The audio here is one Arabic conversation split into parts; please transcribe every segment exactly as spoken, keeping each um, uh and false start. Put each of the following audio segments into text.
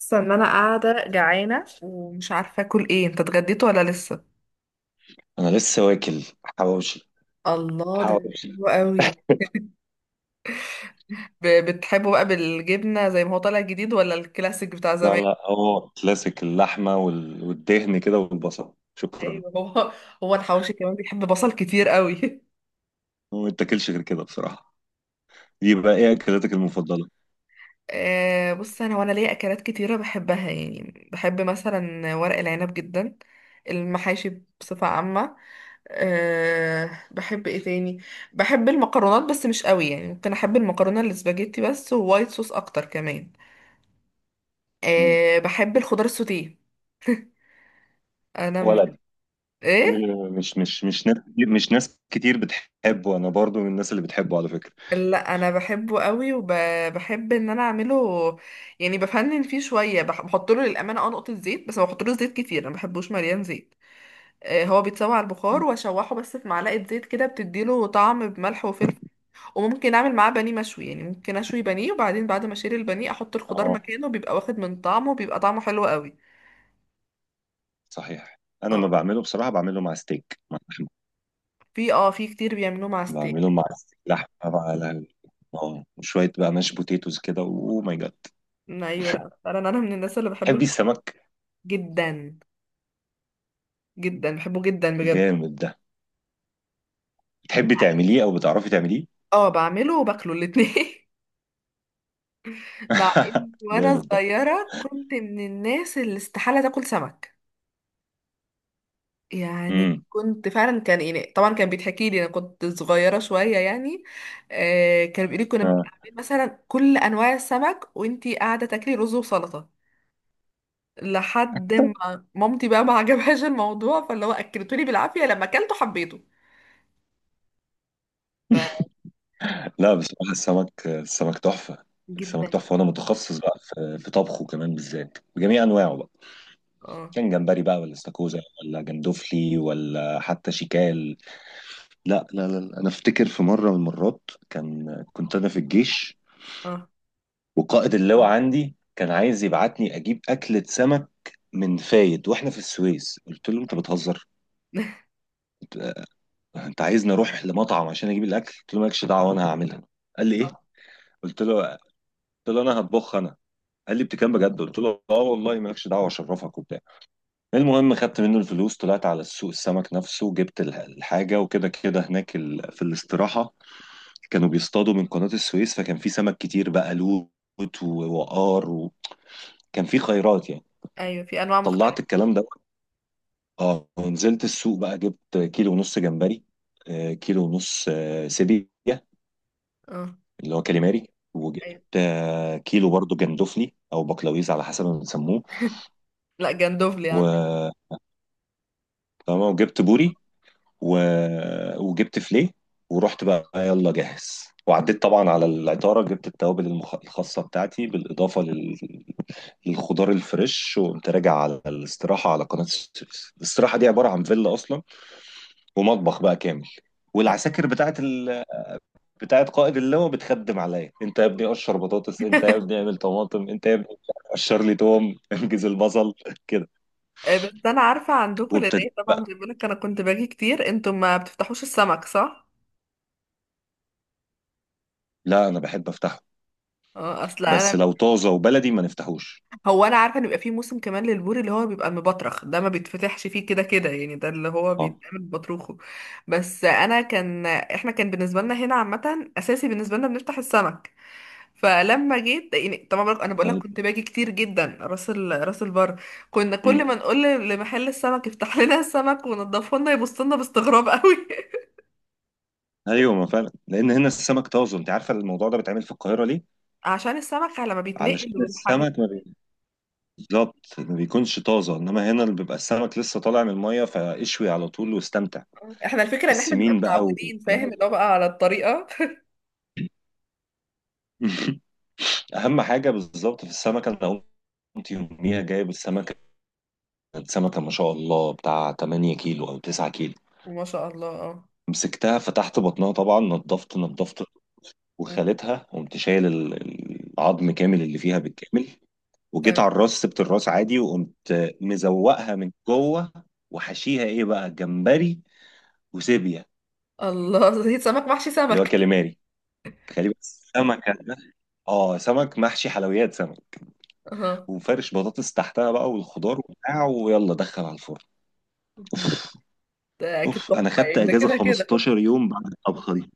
اصلا ان انا قاعده جعانه ومش عارفه اكل ايه، انت اتغديت ولا لسه؟ انا لسه واكل حواوشي، الله، ده حواوشي. حلو قوي. ب- بتحبه بقى بالجبنه زي ما هو طالع جديد، ولا الكلاسيك بتاع لا زمان؟ لا، هو كلاسيك، اللحمه وال- والدهن كده، والبصل، شكرا. ايوه، هو هو الحواوشي كمان بيحب بصل كتير قوي. هو ما بتاكلش غير كده بصراحه. دي بقى ايه اكلاتك المفضله؟ آه، بص، انا وانا ليا اكلات كتيره بحبها، يعني بحب مثلا ورق العنب جدا. المحاشي بصفه عامه. أه بحب ايه تاني؟ بحب المكرونات بس مش قوي، يعني ممكن احب المكرونه الاسباجيتي بس، ووايت صوص اكتر كمان. مم. أه بحب الخضار السوتيه. انا من... ولد. ايه؟ م- مش مش مش ناس كتير مش ناس كتير بتحبه، انا برضو من الناس اللي بتحبه على فكره. لا، انا بحبه قوي وبحب ان انا اعمله. يعني بفنن فيه شويه، بح- بحط له للامانه اه نقطه زيت بس، ما بحطلوش زيت كتير، انا ما بحبوش مليان زيت. أه هو بيتسوى على البخار مم. واشوحه بس في معلقه زيت كده، بتديله طعم، بملح وفلفل. وممكن اعمل معاه بانيه مشوي، يعني ممكن اشوي بانيه، وبعدين بعد ما اشيل البانيه احط الخضار اه، مكانه، بيبقى واخد من طعمه، بيبقى طعمه حلو قوي. صحيح. انا ما اه. بعمله بصراحه، بعمله مع ستيك، مع لحمه. في اه في كتير بيعملوه مع بعمله ستيك. مع ستيك لحمه بقى، على، اه، وشويه بقى ماش بوتيتوز كده، اوه ماي جاد. ايوه، لا فعلا انا من الناس اللي بحب تحبي الخضار. السمك؟ جدا. جدا، بحبه جدا بجد. جامد ده. بتحبي تعمليه او بتعرفي تعمليه؟ اه، بعمله وباكله الاتنين. مع اني وانا جامد ده. صغيرة كنت من الناس اللي استحالة تاكل سمك. يعني امم، كنت فعلا كان، يعني طبعا كان بيتحكي لي انا كنت صغيرة شوية يعني. آه، كان بيقولي كنا آه. بنعمل مثلا كل انواع السمك، وانتي قاعدة تاكلي رز وسلطة. لحد ما مامتي بقى ما عجبهاش الموضوع، فاللي هو اكلتولي بالعافية، لما اكلته حبيته. ف لا بصراحه، السمك، السمك تحفه. السمك جدا. تحفه، وانا متخصص بقى في في طبخه كمان، بالذات بجميع انواعه بقى. اه، كان جمبري بقى، ولا استاكوزا، ولا جندوفلي، ولا حتى شيكال. لا لا لا لا. انا افتكر في مره من المرات، كان كنت انا في الجيش، اه. وقائد اللواء عندي كان عايز يبعتني اجيب اكله سمك من فايد، واحنا في السويس. قلت له: انت بتهزر؟ انت عايزني اروح لمطعم عشان اجيب الاكل؟ قلت له مالكش دعوه، انا هعملها. قال لي ايه؟ قلت له قلت له انا هطبخ انا. قال لي بتكلم بجد؟ قلت له اه والله، مالكش دعوه، اشرفك وبتاع. المهم، خدت منه الفلوس، طلعت على السوق، السمك نفسه، جبت الح- الحاجه وكده كده. هناك ال... في الاستراحه، كانوا بيصطادوا من قناه السويس، فكان في سمك كتير بقى، لوت ووقار، وكان في خيرات يعني. ايوه، في انواع طلعت مختلفة. الكلام ده، اه، ونزلت السوق بقى، جبت كيلو ونص جمبري، آه، كيلو ونص، آه، سيبيا، اه. اللي هو كاليماري. أيوة. وجبت، آه، كيلو برضو جندفلي او بقلاويز، على حسب ما بنسموه. لا، جندوفلي عندنا. و تمام، وجبت بوري، و... وجبت فليه. ورحت بقى، يلا جاهز، وعديت طبعا على العطاره، جبت التوابل المخ... الخاصه بتاعتي، بالاضافه لل... للخضار الفريش. وقمت راجع على الاستراحه، على قناه السويس. الاستراحه دي عباره عن فيلا اصلا، ومطبخ بقى كامل. والعساكر بتاعت ال... بتاعت قائد اللواء بتخدم عليا: انت يا ابني قشر بطاطس، انت يا ابني اعمل طماطم، انت يا ابني قشر لي توم، انجز البصل كده. آه، بس انا عارفه عندكم لان وابتديت إيه، طبعا بقى. زي ما بقولك، انا كنت باجي كتير، انتوا ما بتفتحوش السمك صح؟ لا انا بحب افتحه، اه، اصل انا بس ب... لو طازه وبلدي ما نفتحوش. هو انا عارفه ان بيبقى فيه موسم كمان للبوري، اللي هو بيبقى المبطرخ، ده ما بيتفتحش فيه كده كده يعني، ده اللي هو اه. بيتعمل بطروخه. بس انا كان احنا كان بالنسبه لنا هنا عامه، اساسي بالنسبه لنا بنفتح السمك. فلما جيت يعني، طبعا بقولك- انا بقول لك أي- كنت باجي كتير جدا راس ال... راس البر. كنا كل مم. ما نقول لمحل السمك يفتح لنا السمك ونضفه لنا، يبص لنا باستغراب قوي. ايوه، ما فعلا لان هنا السمك طازه. انت عارفه الموضوع ده بيتعمل في القاهره ليه؟ عشان السمك لما بيتنقل علشان والحاجات. السمك ما بي- بالظبط ما بيكونش طازه، انما هنا اللي بيبقى السمك لسه طالع من الميه، فاشوي على طول واستمتع. احنا الفكرة ان احنا بنبقى السمين بقى و... متعودين، فاهم، اللي هو بقى على الطريقة. اهم حاجه بالظبط في السمك. انا كنت يوميها جايب السمكة، كانت سمكة ما شاء الله بتاع 8 كيلو أو 9 كيلو. ما شاء الله، اه. مسكتها، فتحت بطنها طبعا، نضفت نضفت، م، وخالتها، قمت شايل ال- العظم كامل اللي فيها بالكامل. وجيت على تمام. الراس، سبت الراس عادي، وقمت مزوقها من جوه، وحشيها ايه بقى؟ جمبري، وسيبيا الله! زيت، سمك محشي اللي هو سمك! كاليماري. تخيلي بس، سمكة ده. اه، سمك محشي، حلويات سمك. اه، وفرش بطاطس تحتها بقى، والخضار وبتاع، ويلا دخل على الفرن. م، ده اكيد اوف، انا تحفة خدت يعني، ده اجازه كده كده. 15 يوم بعد الطبخه دي.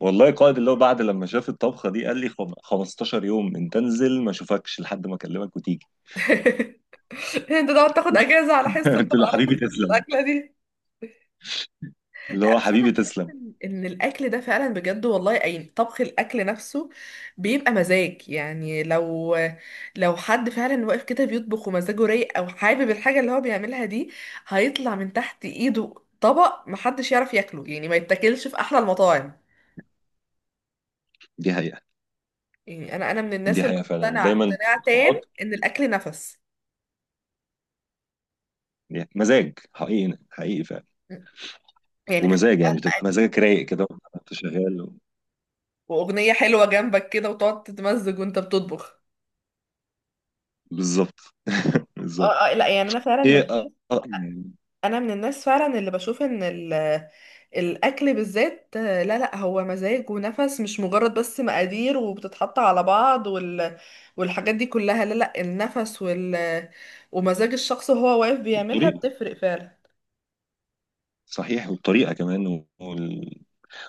والله القائد اللي هو، بعد لما شاف الطبخه دي، قال لي خم- 15 يوم انت انزل، ما اشوفكش لحد ما اكلمك وتيجي. انت تقعد تاخد اجازة على حس قلت له على حس حبيبي تسلم، الاكلة دي. اللي لا، هو بس انا حبيبي بحس تسلم. ان إن الاكل ده فعلا بجد والله، اي طبخ، الاكل نفسه بيبقى مزاج يعني. لو لو حد فعلا واقف كده بيطبخ ومزاجه رايق، او حابب الحاجه اللي هو بيعملها دي، هيطلع من تحت ايده طبق محدش يعرف ياكله، يعني ما يتاكلش في احلى المطاعم. دي حقيقه. يعني انا انا من الناس دي اللي حقيقه فعلا، مقتنعه دايما اقتناع تام بحط ان الاكل نفس. مزاج حقيقي حقيقي فعلا. يعني فكره ومزاج بقى يعني، بتبقى المقادير، مزاجك رايق كده وانت شغال و... واغنيه حلوه جنبك كده، وتقعد تتمزج وانت بتطبخ. بالظبط. بالظبط. اه، اه، لا يعني انا فعلا من ايه، أ- أ- يعني انا من الناس فعلا اللي بشوف ان ال الاكل بالذات، آه، لا لا، هو مزاج ونفس، مش مجرد بس مقادير وبتتحط على بعض، وال والحاجات دي كلها، لا لا، النفس وال ومزاج الشخص وهو واقف بيعملها الطريقه. بتفرق فعلا. صحيح، والطريقه كمان وال...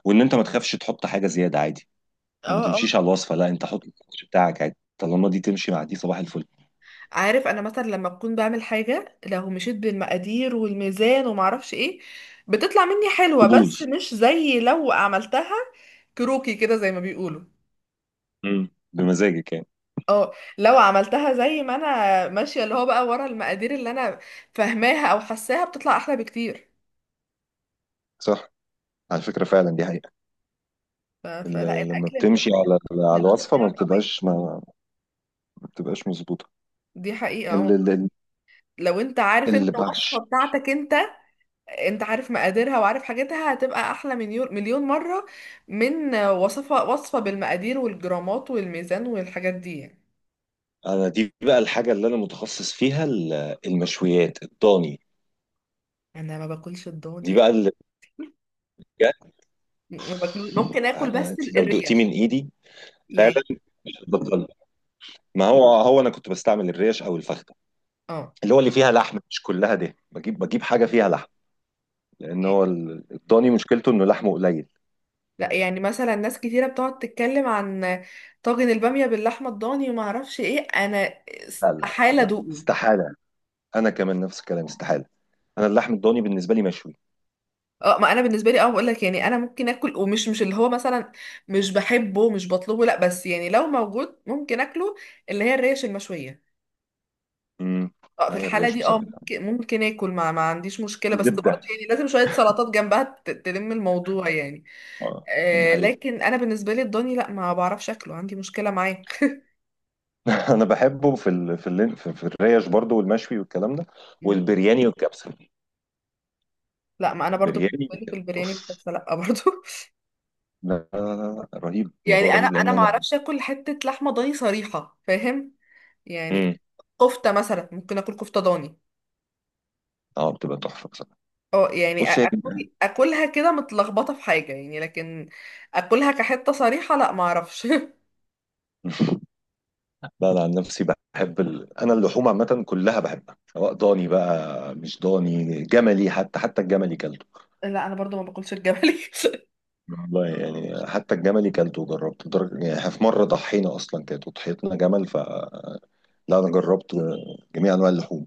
وان انت ما تخافش تحط حاجه زياده عادي. يعني اه، ما اه. تمشيش على الوصفه، لا، انت حط السكتش بتاعك عادي، طالما دي تمشي مع دي، صباح الفل. عارف، انا مثلا لما بكون بعمل حاجة لو مشيت بالمقادير والميزان ومعرفش ايه، بتطلع مني حلوة، تبوظ. بس مش زي لو عملتها كروكي كده، زي ما بيقولوا. امم بمزاجك يعني. اه، لو عملتها زي ما انا ماشيه، اللي هو بقى ورا المقادير اللي انا فاهماها او حاساها، بتطلع احلى بكتير. صح. على فكرة فعلا، دي حقيقة. ف... فلا ال- لما الاكل من بتمشي الحاجات على على اصلا اللي الوصفة، بتضيع ما طعمها. بتبقاش ما ما بتبقاش مظبوطة. دي حقيقه، اه. اللي اللي لو انت عارف اللي انت الوصفه بعش بتاعتك انت، انت عارف مقاديرها وعارف حاجتها، هتبقى احلى مليون مليون مره من وصفه وصفه بالمقادير والجرامات والميزان والحاجات دي يعني. انا دي بقى الحاجه اللي انا متخصص فيها، ال- المشويات الضاني. انا ما باكلش دي الضاني. بقى اللي، بجد. ما باكل، ممكن اكل انا، بس انت ال- لو دقتي من الريش. ايدي فعلا يعني. مش هتبطل. ما هو، هو انا كنت بستعمل الريش او الفخده، اه، اللي هو اللي فيها لحم مش كلها ده، بجيب بجيب حاجه فيها لحم، لان هو ال- الضاني مشكلته انه لحمه قليل. لا يعني مثلا ناس كتيرة بتقعد تتكلم عن طاجن البامية باللحمة الضاني وما اعرفش ايه، انا لا لا استحالة لا لا، ادوقه. استحاله. انا كمان نفس الكلام، استحاله. انا اللحم الضاني بالنسبه لي مشوي. اه، ما انا بالنسبة لي اه بقول لك يعني، انا ممكن اكل، ومش مش اللي هو مثلا مش بحبه مش بطلبه، لا، بس يعني لو موجود ممكن اكله، اللي هي الريش المشوية. امم اه، في هي الحالة الريش دي اه بصراحه ممكن ممكن اكل، ما, ما عنديش مشكلة، بس برضه زبده. يعني لازم شوية سلطات جنبها ت- تلم الموضوع يعني. اه دي آه، حقيقة. لكن انا بالنسبة لي الضاني لا، ما بعرفش اكله، عندي مشكلة معاه. انا بحبه في ال... في, ال... في في الريش برضو، والمشوي والكلام ده، والبرياني والكبسه. لا، ما انا برضو البرياني بالنسبه لي في والكبسة، البرياني اوف. بحس لا برضو. لا لا لا لا، رهيب، يعني الموضوع انا رهيب انا لان ما انا. اعرفش اكل حته لحمه ضاني صريحه، فاهم؟ امم يعني. كفته مثلا ممكن اكل كفته ضاني. اه، بتبقى تحفه بصراحه. اه يعني، بص، أ- هي اكل اكلها كده متلخبطه في حاجه يعني، لكن اكلها كحته صريحه لا، ما اعرفش. لا انا عن نفسي بحب ال... انا اللحوم عامه كلها بحبها، سواء ضاني بقى، مش ضاني، جملي، حتى حتى الجملي كلته. لا، انا برضو ما باكلش الجملي. والله يعني، حتى الجملي كلته وجربته، لدرجه يعني، إحنا في مره ضحينا اصلا كانت وضحيتنا جمل، فلا. انا جربت جميع انواع اللحوم،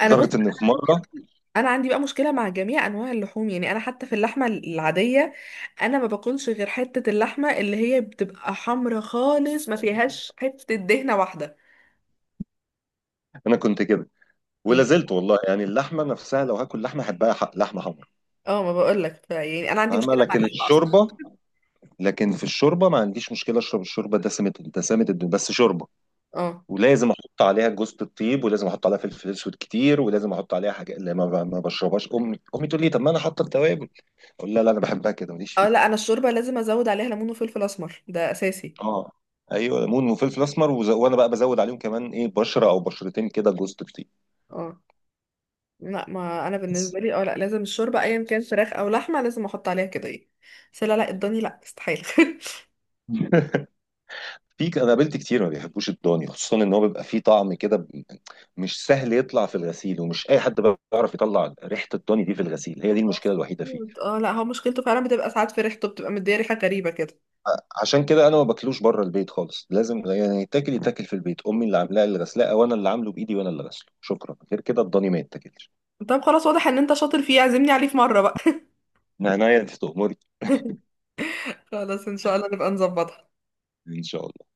انا، بص، لدرجه ان في مره. انا عندي بقى مشكله مع جميع انواع اللحوم، يعني انا حتى في اللحمه العاديه، انا ما باكلش غير حته اللحمه اللي هي بتبقى حمرا خالص، ما فيهاش حته دهنه واحده. انا كنت كده ولا زلت والله، يعني اللحمه نفسها لو هاكل لحمه، احبها حق لحمه حمرا. اه، ما بقولك يعني انا عندي فاهمه، مشكله مع لكن اللحمه اصلا. الشوربه. لكن في الشوربه، ما عنديش مشكله، اشرب الشوربه دسمه دسمه الدنيا، بس شوربه. اه، ولازم احط عليها جوزة الطيب، ولازم احط عليها فلفل اسود كتير، ولازم احط عليها حاجه اللي ما, ب- ما بشربهاش. امي امي تقول لي: طب ما انا حاطه التوابل. اقول لها لا، انا بحبها كده، ماليش اه، لا انا فيه. الشوربه لازم ازود عليها ليمون وفلفل اسمر، ده اساسي. اه، ايوه، ليمون وفلفل اسمر وز... وانا بقى بزود عليهم كمان ايه؟ بشره او بشرتين كده جوزة الطيب. اه، لا ما انا بس. بالنسبه لي، اه لا لازم الشوربه ايا كان فراخ او لحمه، لازم احط عليها كده ايه. بس لا، لا الضاني لا، استحيل! في ك- انا قابلت كتير ما بيحبوش الضاني، خصوصا ان هو بيبقى فيه طعم كده ب- مش سهل يطلع في الغسيل، ومش اي حد بيعرف يطلع ريحه الضاني دي في الغسيل. هي دي المشكله الوحيده فيه. مظبوط. اه، لا هو مشكلته فعلا بتبقى ساعات في ريحته، بتبقى مديه ريحه غريبه كده. عشان كده انا ما باكلوش بره البيت خالص، لازم يعني يتاكل يتاكل في البيت، امي اللي عاملاه، اللي غسلاه، وانا اللي عامله بايدي، وانا اللي غسله شكرا. غير كده الضاني ما يتاكلش. طب، خلاص، واضح ان انت شاطر فيه، عزمني عليه في مره بقى. من عناية، انت تأمري. خلاص، ان شاء الله نبقى نظبطها. ان شاء الله.